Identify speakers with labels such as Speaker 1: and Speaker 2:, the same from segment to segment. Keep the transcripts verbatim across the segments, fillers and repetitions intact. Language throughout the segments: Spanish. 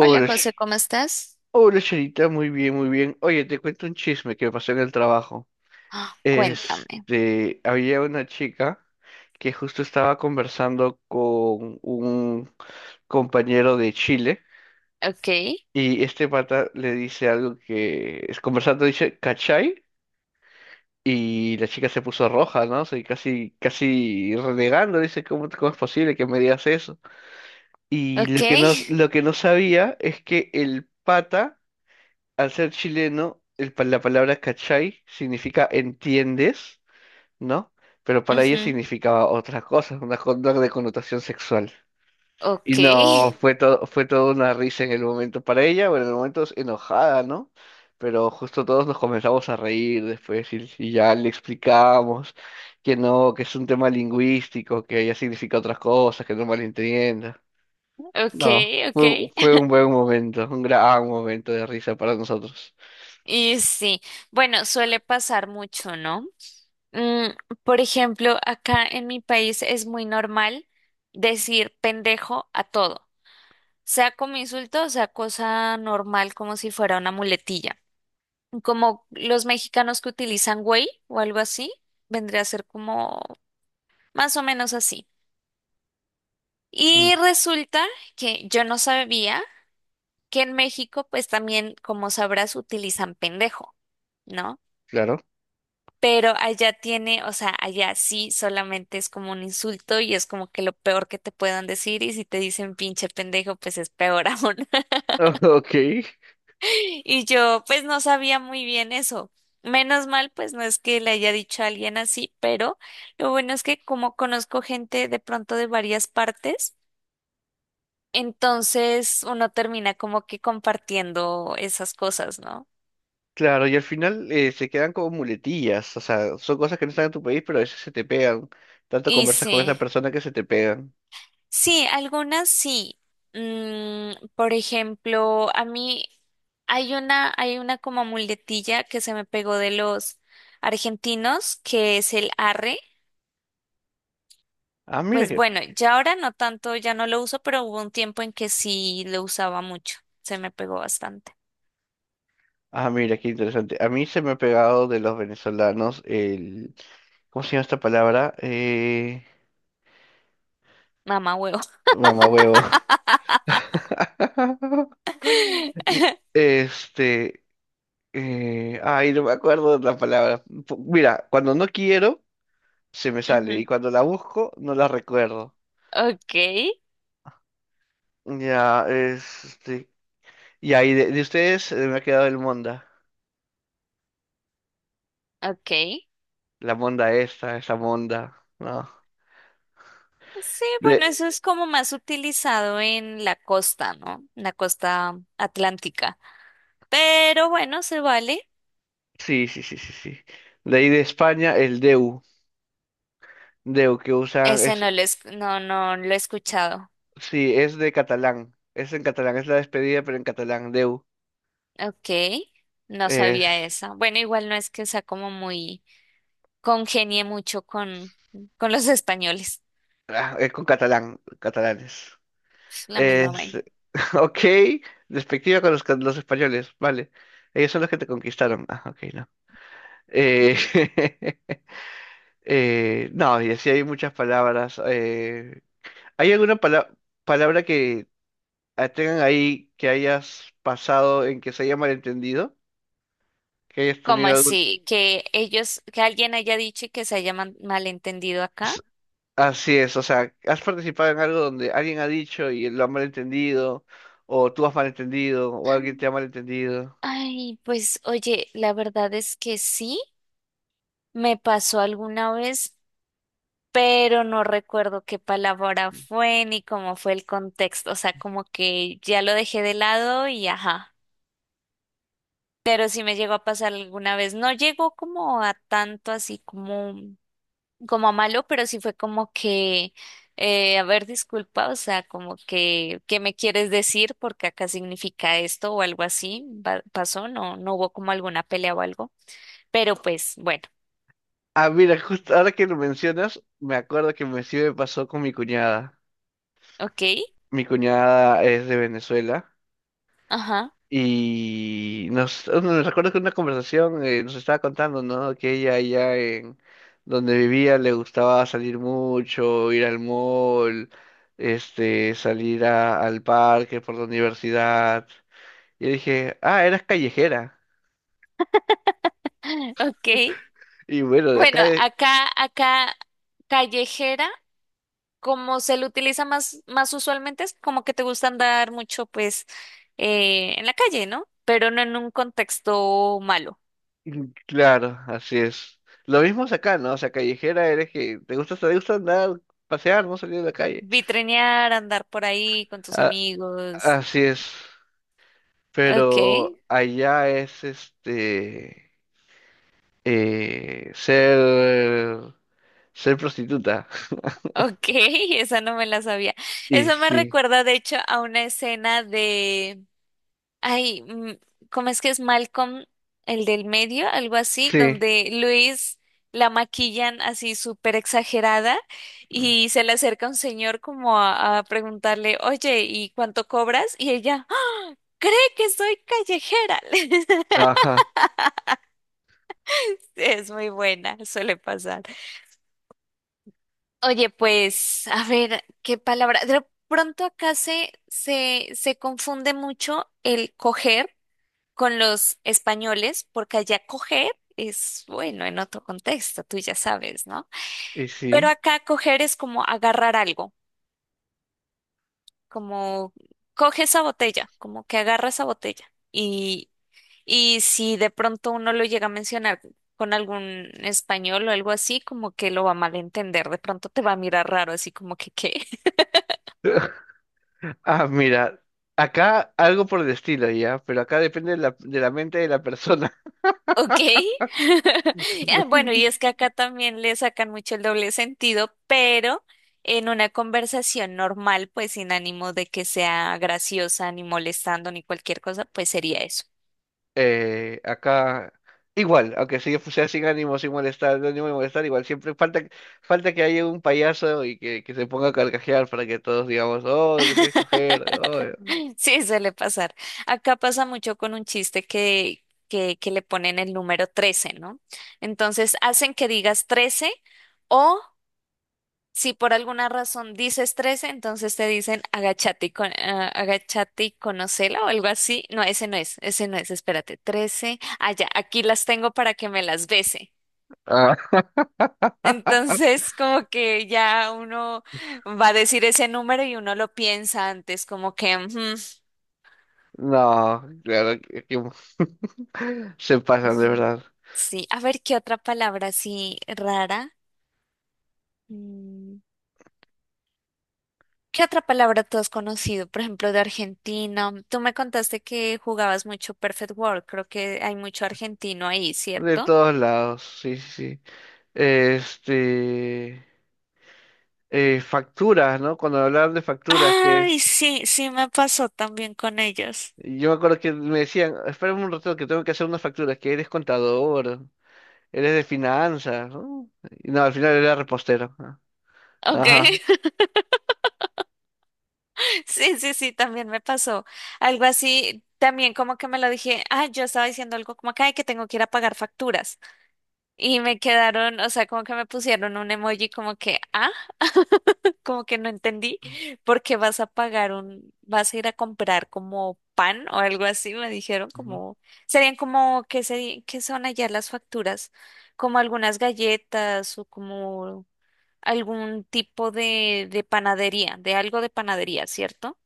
Speaker 1: Hola José,
Speaker 2: Sh-
Speaker 1: ¿cómo estás?
Speaker 2: hola, Charita, muy bien, muy bien. Oye, te cuento un chisme que me pasó en el trabajo.
Speaker 1: Ah, cuéntame.
Speaker 2: Este, había una chica que justo estaba conversando con un compañero de Chile,
Speaker 1: Ok,
Speaker 2: y este pata le dice algo que es conversando, dice, ¿cachai? Y la chica se puso roja, ¿no? O sea, y casi, casi renegando, dice, ¿cómo, cómo es posible que me digas eso? Y
Speaker 1: ok,
Speaker 2: lo que no, lo que no sabía es que el pata, al ser chileno, el pa- la palabra cachai significa entiendes, ¿no? Pero para ella
Speaker 1: ujú,
Speaker 2: significaba otra cosa, una conducta de connotación sexual.
Speaker 1: ok,
Speaker 2: Y no, fue todo, fue toda una risa en el momento para ella, bueno, en el momento es enojada, ¿no? Pero justo todos nos comenzamos a reír después y, y ya le explicamos que no, que es un tema lingüístico, que ella significa otras cosas, que no malentienda.
Speaker 1: ok,
Speaker 2: No,
Speaker 1: ok.
Speaker 2: fue, fue un buen momento, un gran momento de risa para nosotros.
Speaker 1: Y sí, bueno, suele pasar mucho, ¿no? Mm, por ejemplo, acá en mi país es muy normal decir pendejo a todo, sea como insulto, o sea cosa normal, como si fuera una muletilla. Como los mexicanos que utilizan güey o algo así, vendría a ser como más o menos así.
Speaker 2: Mm.
Speaker 1: Y resulta que yo no sabía que en México, pues también, como sabrás, utilizan pendejo, ¿no?
Speaker 2: Claro.
Speaker 1: Pero allá tiene, o sea, allá sí solamente es como un insulto y es como que lo peor que te puedan decir y si te dicen pinche pendejo, pues es peor aún.
Speaker 2: Ok,
Speaker 1: Y yo, pues no sabía muy bien eso. Menos mal, pues no es que le haya dicho a alguien así, pero lo bueno es que como conozco gente de pronto de varias partes, entonces uno termina como que compartiendo esas cosas, ¿no?
Speaker 2: claro, y al final eh, se quedan como muletillas, o sea, son cosas que no están en tu país, pero a veces se te pegan. Tanto
Speaker 1: Y
Speaker 2: conversas con
Speaker 1: sí,
Speaker 2: esa persona que se te pegan.
Speaker 1: sí, algunas sí. Mm, por ejemplo, a mí hay una, hay una como muletilla que se me pegó de los argentinos, que es el arre.
Speaker 2: Ah, mira
Speaker 1: Pues
Speaker 2: que,
Speaker 1: bueno, ya ahora no tanto, ya no lo uso, pero hubo un tiempo en que sí lo usaba mucho. Se me pegó bastante.
Speaker 2: ah, mira qué interesante. A mí se me ha pegado de los venezolanos el, ¿cómo se llama esta palabra? Eh,
Speaker 1: Mamá huevo.
Speaker 2: mamahuevo. Este, eh, Ay, no me acuerdo de la palabra. Pu- Mira, cuando no quiero, se me sale,
Speaker 1: Ujú.
Speaker 2: y cuando la busco, no la recuerdo.
Speaker 1: Ok,
Speaker 2: Ya, este. Y ahí de, de ustedes eh, me ha quedado el Monda.
Speaker 1: ok.
Speaker 2: La Monda esta, esa Monda. No.
Speaker 1: Sí, bueno,
Speaker 2: De,
Speaker 1: eso es como más utilizado en la costa, ¿no? En la costa atlántica. Pero bueno, se vale.
Speaker 2: sí, sí, sí, sí, sí. De ahí de España, el Deu. Deu que usan,
Speaker 1: Ese
Speaker 2: es,
Speaker 1: no lo es, no, no lo he escuchado.
Speaker 2: sí, es de catalán. Es en catalán, es la despedida, pero en catalán, Deu.
Speaker 1: Ok, no
Speaker 2: Es,
Speaker 1: sabía esa. Bueno, igual no es que sea como muy congenie mucho con, con los españoles.
Speaker 2: ah, es con catalán, catalanes.
Speaker 1: La misma
Speaker 2: Es,
Speaker 1: vaina.
Speaker 2: ok, despectiva con los, ca- los españoles, vale. Ellos son los que te conquistaron. Ah, ok, no. Eh, Eh, no, y así hay muchas palabras. eh, ¿Hay alguna pala- palabra que ah, tengan ahí que hayas pasado en que se haya malentendido? Que hayas
Speaker 1: ¿Cómo
Speaker 2: tenido algún...
Speaker 1: así? Que ellos, que alguien haya dicho y que se haya man- malentendido acá.
Speaker 2: S- Así es, o sea, ¿has participado en algo donde alguien ha dicho y lo ha malentendido? ¿O tú has malentendido? ¿O alguien te ha malentendido?
Speaker 1: Ay, pues oye, la verdad es que sí. Me pasó alguna vez pero no recuerdo qué palabra fue ni cómo fue el contexto, o sea, como que ya lo dejé de lado y ajá. Pero sí me llegó a pasar alguna vez, no llegó como a tanto así como, como a malo, pero sí fue como que, eh, a ver, disculpa, o sea, como que, ¿qué me quieres decir? Porque acá significa esto o algo así, va- pasó, no, no hubo como alguna pelea o algo, pero pues bueno,
Speaker 2: Ah, mira, justo ahora que lo mencionas, me acuerdo que me sí me pasó con mi cuñada.
Speaker 1: ok,
Speaker 2: Mi cuñada es de Venezuela.
Speaker 1: ajá,
Speaker 2: Y nos, me recuerdo que una conversación eh, nos estaba contando, ¿no? Que ella allá en donde vivía le gustaba salir mucho, ir al mall, este, salir a- al parque por la universidad. Y dije, ah, eras callejera.
Speaker 1: ok.
Speaker 2: Y bueno, de
Speaker 1: Bueno,
Speaker 2: acá, eh,
Speaker 1: acá, acá callejera, como se le utiliza más, más usualmente, es como que te gusta andar mucho, pues, eh, en la calle, ¿no? Pero no en un contexto malo.
Speaker 2: mm, claro, así es. Lo mismo es acá, ¿no? O sea, callejera eres que te gusta, te gusta andar, pasear, no salir de la calle.
Speaker 1: Vitrinear, andar por ahí con tus
Speaker 2: A-
Speaker 1: amigos.
Speaker 2: así es.
Speaker 1: Ok,
Speaker 2: Pero allá es este. eh, ser, ser prostituta.
Speaker 1: ok, esa no me la sabía.
Speaker 2: Y
Speaker 1: Eso me
Speaker 2: sí,
Speaker 1: recuerda, de hecho, a una escena de ay, mm, ¿cómo es que es Malcolm, el del medio, algo así,
Speaker 2: sí,
Speaker 1: donde Luis la maquillan así súper exagerada y se le acerca un señor como a, a preguntarle, oye, ¿y cuánto cobras? Y ella, "Ah, cree que soy callejera".
Speaker 2: ajá,
Speaker 1: Es muy buena, suele pasar. Oye, pues, a ver, ¿qué palabra? De pronto acá se, se, se confunde mucho el coger con los españoles, porque allá coger es, bueno, en otro contexto, tú ya sabes, ¿no?
Speaker 2: y
Speaker 1: Pero
Speaker 2: sí.
Speaker 1: acá coger es como agarrar algo, como coge esa botella, como que agarra esa botella. Y, y si de pronto uno lo llega a mencionar con algún español o algo así, como que lo va a malentender, de pronto te va a mirar raro, así como que, ¿qué?
Speaker 2: Ah, mira, acá algo por el estilo ya, pero acá depende de la, de la mente de la persona.
Speaker 1: Ok. Ah, bueno, y es que acá también le sacan mucho el doble sentido, pero en una conversación normal, pues sin ánimo de que sea graciosa, ni molestando, ni cualquier cosa, pues sería eso.
Speaker 2: Eh, acá, igual, aunque si yo sea sin ánimo, sin molestar, no ánimo de molestar, igual siempre falta, falta que haya un payaso y que, que se ponga a carcajear para que todos digamos, oh, te quieres coger, oh.
Speaker 1: Sí, suele pasar. Acá pasa mucho con un chiste que, que, que le ponen el número trece, ¿no? Entonces hacen que digas trece o si por alguna razón dices trece, entonces te dicen agachate y, con, ah, agachate y conocela o algo así. No, ese no es, ese no es, espérate, trece. Ah, ya, aquí las tengo para que me las bese.
Speaker 2: Ah.
Speaker 1: Entonces, como que ya uno va a decir ese número y uno lo piensa antes, como que, ujú,
Speaker 2: No, claro que, que se pasan de verdad.
Speaker 1: sí, a ver qué otra palabra así rara. Mm, ¿Qué otra palabra tú has conocido? Por ejemplo, de Argentina. Tú me contaste que jugabas mucho Perfect World. Creo que hay mucho argentino ahí,
Speaker 2: De
Speaker 1: ¿cierto?
Speaker 2: todos lados, sí, sí. Sí. Este, eh, facturas, ¿no? Cuando hablaban de facturas, que
Speaker 1: Ay,
Speaker 2: es,
Speaker 1: sí, sí me pasó también con ellos.
Speaker 2: yo me acuerdo que me decían, espérame un rato que tengo que hacer unas facturas, que eres contador, eres de finanzas, ¿no? Y no, al final era repostero. ¿No?
Speaker 1: Ok,
Speaker 2: Ajá.
Speaker 1: sí, sí, sí, también me pasó. Algo así, también como que me lo dije, ah, yo estaba diciendo algo como que, ay, que tengo que ir a pagar facturas. Y me quedaron, o sea, como que me pusieron un emoji como que, ah, como que no entendí, porque vas a pagar un, vas a ir a comprar como pan o algo así, me dijeron
Speaker 2: Ujú.
Speaker 1: como, serían como, ¿qué seri- qué son allá las facturas? Como algunas galletas o como algún tipo de, de panadería, de algo de panadería, ¿cierto?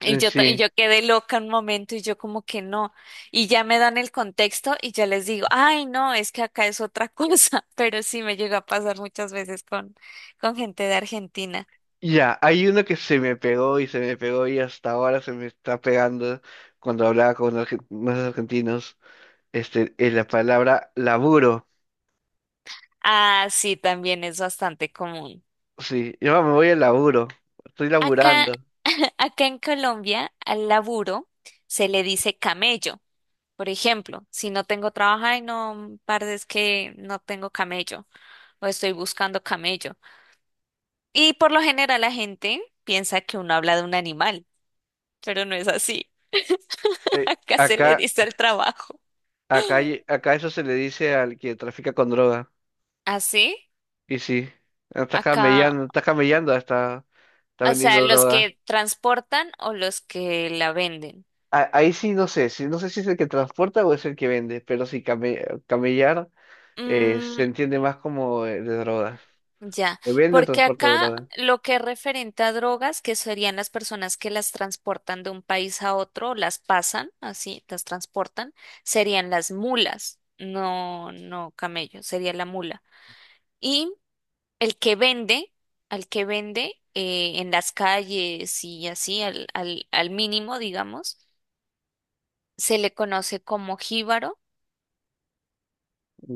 Speaker 1: Y
Speaker 2: Eh,
Speaker 1: yo, ta- y
Speaker 2: Sí.
Speaker 1: yo quedé loca un momento y yo como que no. Y ya me dan el contexto y ya les digo, ay, no, es que acá es otra cosa. Pero sí me llegó a pasar muchas veces con, con gente de Argentina.
Speaker 2: Ya, hay uno que se me pegó y se me pegó y hasta ahora se me está pegando cuando hablaba con argen- unos argentinos. Este, es la palabra laburo.
Speaker 1: Ah, sí, también es bastante común.
Speaker 2: Sí, yo me voy al laburo. Estoy
Speaker 1: Acá,
Speaker 2: laburando.
Speaker 1: acá en Colombia, al laburo se le dice camello. Por ejemplo, si no tengo trabajo, ay, no, parce, es que no tengo camello o estoy buscando camello. Y por lo general la gente piensa que uno habla de un animal, pero no es así.
Speaker 2: Eh,
Speaker 1: Acá se le
Speaker 2: acá,
Speaker 1: dice el trabajo.
Speaker 2: acá, hay- acá eso se le dice al que trafica con droga.
Speaker 1: ¿Así?
Speaker 2: Y sí, está
Speaker 1: Acá,
Speaker 2: camellando, está camellando, está, está
Speaker 1: o sea,
Speaker 2: vendiendo
Speaker 1: los
Speaker 2: droga.
Speaker 1: que transportan o los que la venden.
Speaker 2: A- Ahí sí no sé, sí, no sé si es el que transporta o es el que vende, pero sí, came- camellar eh, se
Speaker 1: Mm,
Speaker 2: entiende más como eh, de drogas.
Speaker 1: Ya,
Speaker 2: ¿Que vende o
Speaker 1: porque
Speaker 2: transporta
Speaker 1: acá
Speaker 2: droga?
Speaker 1: lo que es referente a drogas, que serían las personas que las transportan de un país a otro, las pasan, así, las transportan, serían las mulas, no, no camello, sería la mula. Y el que vende, al que vende eh, en las calles y así, al, al, al mínimo, digamos, se le conoce como jíbaro.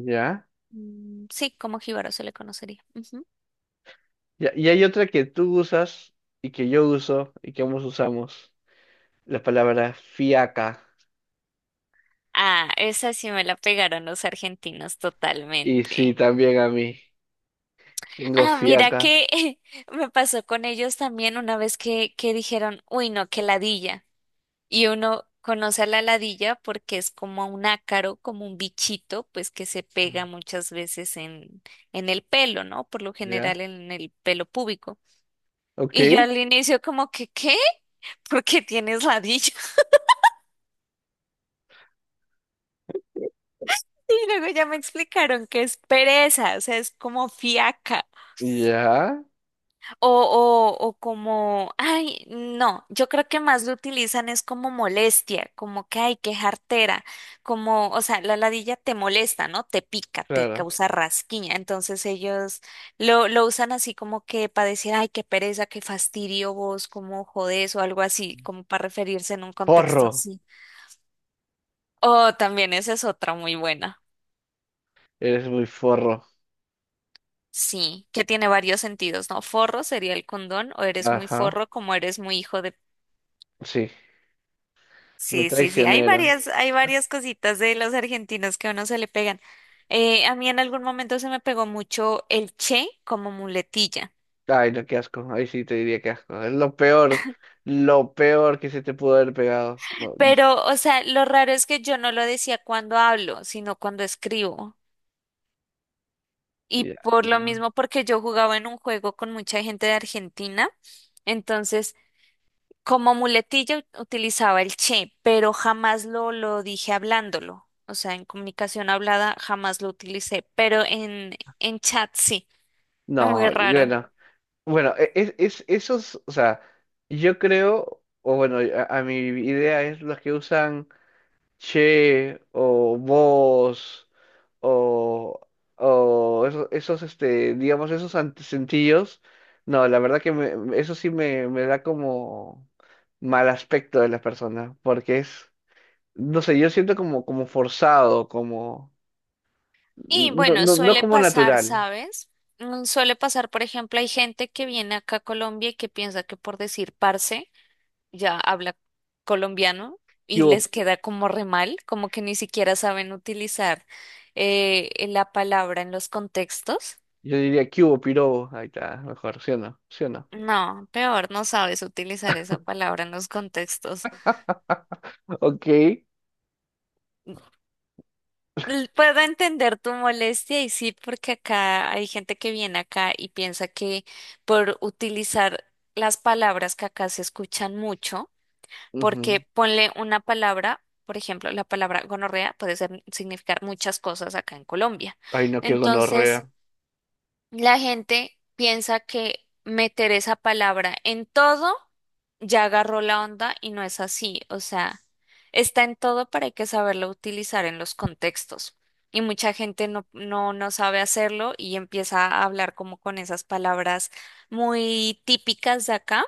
Speaker 2: ¿Ya?
Speaker 1: Mm, Sí, como jíbaro se le conocería. Ujú.
Speaker 2: Ya, y hay otra que tú usas y que yo uso y que ambos usamos. La palabra fiaca.
Speaker 1: Ah, esa sí me la pegaron los argentinos
Speaker 2: Y sí,
Speaker 1: totalmente.
Speaker 2: también a mí. Tengo
Speaker 1: Ah, mira
Speaker 2: fiaca.
Speaker 1: que me pasó con ellos también una vez que, que dijeron, uy, no, que ladilla. Y uno conoce a la ladilla porque es como un ácaro, como un bichito, pues que se pega muchas veces en, en el pelo, ¿no? Por lo
Speaker 2: ¿Ya?
Speaker 1: general en el pelo púbico. Y yo
Speaker 2: Ok.
Speaker 1: al inicio como que, ¿qué? ¿Por qué tienes ladilla? Y luego ya me explicaron que es pereza, o sea, es como fiaca.
Speaker 2: Ya.
Speaker 1: O, o, o como, ay, no, yo creo que más lo utilizan es como molestia, como que, ay, qué jartera, como, o sea, la ladilla te molesta, ¿no? Te pica, te
Speaker 2: Claro.
Speaker 1: causa rasquiña, entonces ellos lo, lo usan así como que para decir, ay, qué pereza, qué fastidio vos, como jodés o algo así, como para referirse en un contexto
Speaker 2: Forro.
Speaker 1: así. Oh, también esa es otra muy buena.
Speaker 2: Eres muy forro.
Speaker 1: Sí, que tiene varios sentidos, ¿no? Forro sería el condón, o eres muy
Speaker 2: Ajá.
Speaker 1: forro, como eres muy hijo de...
Speaker 2: Sí. Me
Speaker 1: Sí, sí, sí, hay
Speaker 2: traicionaron.
Speaker 1: varias, hay varias cositas de los argentinos que a uno se le pegan. Eh, a mí en algún momento se me pegó mucho el che como muletilla,
Speaker 2: Ay, no, qué asco. Ahí sí te diría que asco. Es lo peor. Lo peor que se te pudo haber pegado. No, y-
Speaker 1: pero, o sea, lo raro es que yo no lo decía cuando hablo, sino cuando escribo. Y
Speaker 2: ya.
Speaker 1: por lo
Speaker 2: No,
Speaker 1: mismo, porque yo jugaba en un juego con mucha gente de Argentina, entonces como muletilla ut- utilizaba el che, pero jamás lo, lo dije hablándolo. O sea, en comunicación hablada jamás lo utilicé, pero en, en chat sí. Muy
Speaker 2: no,
Speaker 1: raro.
Speaker 2: bueno. Bueno, e- es, es, esos, o sea, yo creo, o bueno, a, a mi idea es los que usan. Che o vos o, o eso- esos, este, digamos, esos antecentillos, no, la verdad que me- eso sí me, me da como mal aspecto de la persona, porque es, no sé, yo siento como, como forzado, como,
Speaker 1: Y
Speaker 2: no,
Speaker 1: bueno,
Speaker 2: no, no
Speaker 1: suele
Speaker 2: como
Speaker 1: pasar,
Speaker 2: natural.
Speaker 1: ¿sabes? Mm, Suele pasar, por ejemplo, hay gente que viene acá a Colombia y que piensa que por decir parce ya habla colombiano
Speaker 2: ¿Qué
Speaker 1: y
Speaker 2: hubo?
Speaker 1: les queda como re mal, como que ni siquiera saben utilizar eh, eh, la palabra en los contextos.
Speaker 2: Yo diría, ¿qué hubo, pirobo? Ahí está, mejor, ¿sí o no? ¿Sí o no?
Speaker 1: No, peor, no sabes utilizar esa palabra en los contextos.
Speaker 2: Ok.
Speaker 1: L- Puedo entender tu molestia y sí, porque acá hay gente que viene acá y piensa que por utilizar las palabras que acá se escuchan mucho, porque
Speaker 2: Ujú.
Speaker 1: ponle una palabra, por ejemplo, la palabra gonorrea puede ser- significar muchas cosas acá en Colombia.
Speaker 2: Ay, no, qué
Speaker 1: Entonces,
Speaker 2: gonorrea.
Speaker 1: la gente piensa que meter esa palabra en todo ya agarró la onda y no es así. O sea, está en todo, pero hay que saberlo utilizar en los contextos. Y mucha gente no, no, no sabe hacerlo y empieza a hablar como con esas palabras muy típicas de acá,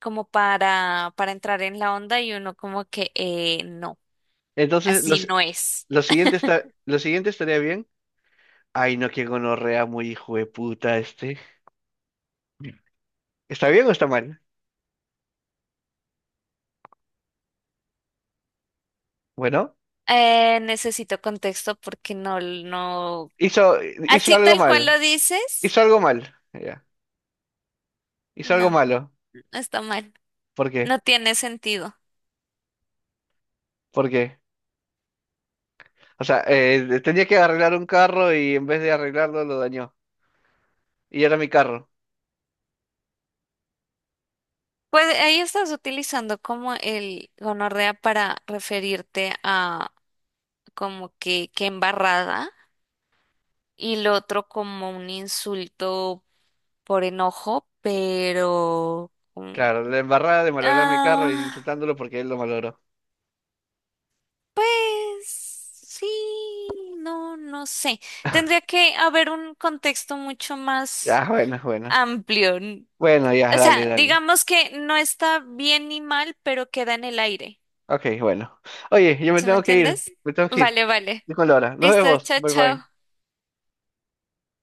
Speaker 1: como para, para entrar en la onda y uno como que eh, no,
Speaker 2: Entonces,
Speaker 1: así
Speaker 2: los,
Speaker 1: no es.
Speaker 2: lo siguiente está, lo siguiente estaría bien. Ay, no, qué gonorrea muy hijo de puta este. ¿Está bien o está mal? Bueno,
Speaker 1: Eh, necesito contexto porque no, no.
Speaker 2: hizo, hizo
Speaker 1: Así
Speaker 2: algo
Speaker 1: tal cual
Speaker 2: mal.
Speaker 1: lo dices,
Speaker 2: Hizo algo mal. Ya. Hizo algo
Speaker 1: no,
Speaker 2: malo.
Speaker 1: no está mal,
Speaker 2: ¿Por qué?
Speaker 1: no tiene sentido.
Speaker 2: ¿Por qué? O sea, eh, tenía que arreglar un carro y en vez de arreglarlo lo dañó. Y era mi carro.
Speaker 1: Pues ahí estás utilizando como el gonorrea para referirte a como que, que embarrada y lo otro como un insulto por enojo, pero...
Speaker 2: Claro,
Speaker 1: mm,
Speaker 2: la embarrada de malograr mi carro y
Speaker 1: ah,
Speaker 2: insultándolo porque él lo malogró.
Speaker 1: pues sí, no, no sé. Tendría que haber un contexto mucho
Speaker 2: Ya,
Speaker 1: más
Speaker 2: bueno, bueno.
Speaker 1: amplio.
Speaker 2: Bueno, ya,
Speaker 1: O
Speaker 2: dale,
Speaker 1: sea,
Speaker 2: dale.
Speaker 1: digamos que no está bien ni mal, pero queda en el aire.
Speaker 2: Ok, bueno. Oye, yo me
Speaker 1: ¿Sí me
Speaker 2: tengo que ir.
Speaker 1: entiendes?
Speaker 2: Me tengo que ir.
Speaker 1: Vale, vale.
Speaker 2: Estoy con Laura. Nos
Speaker 1: Listo,
Speaker 2: vemos.
Speaker 1: chao,
Speaker 2: Bye bye.
Speaker 1: chao.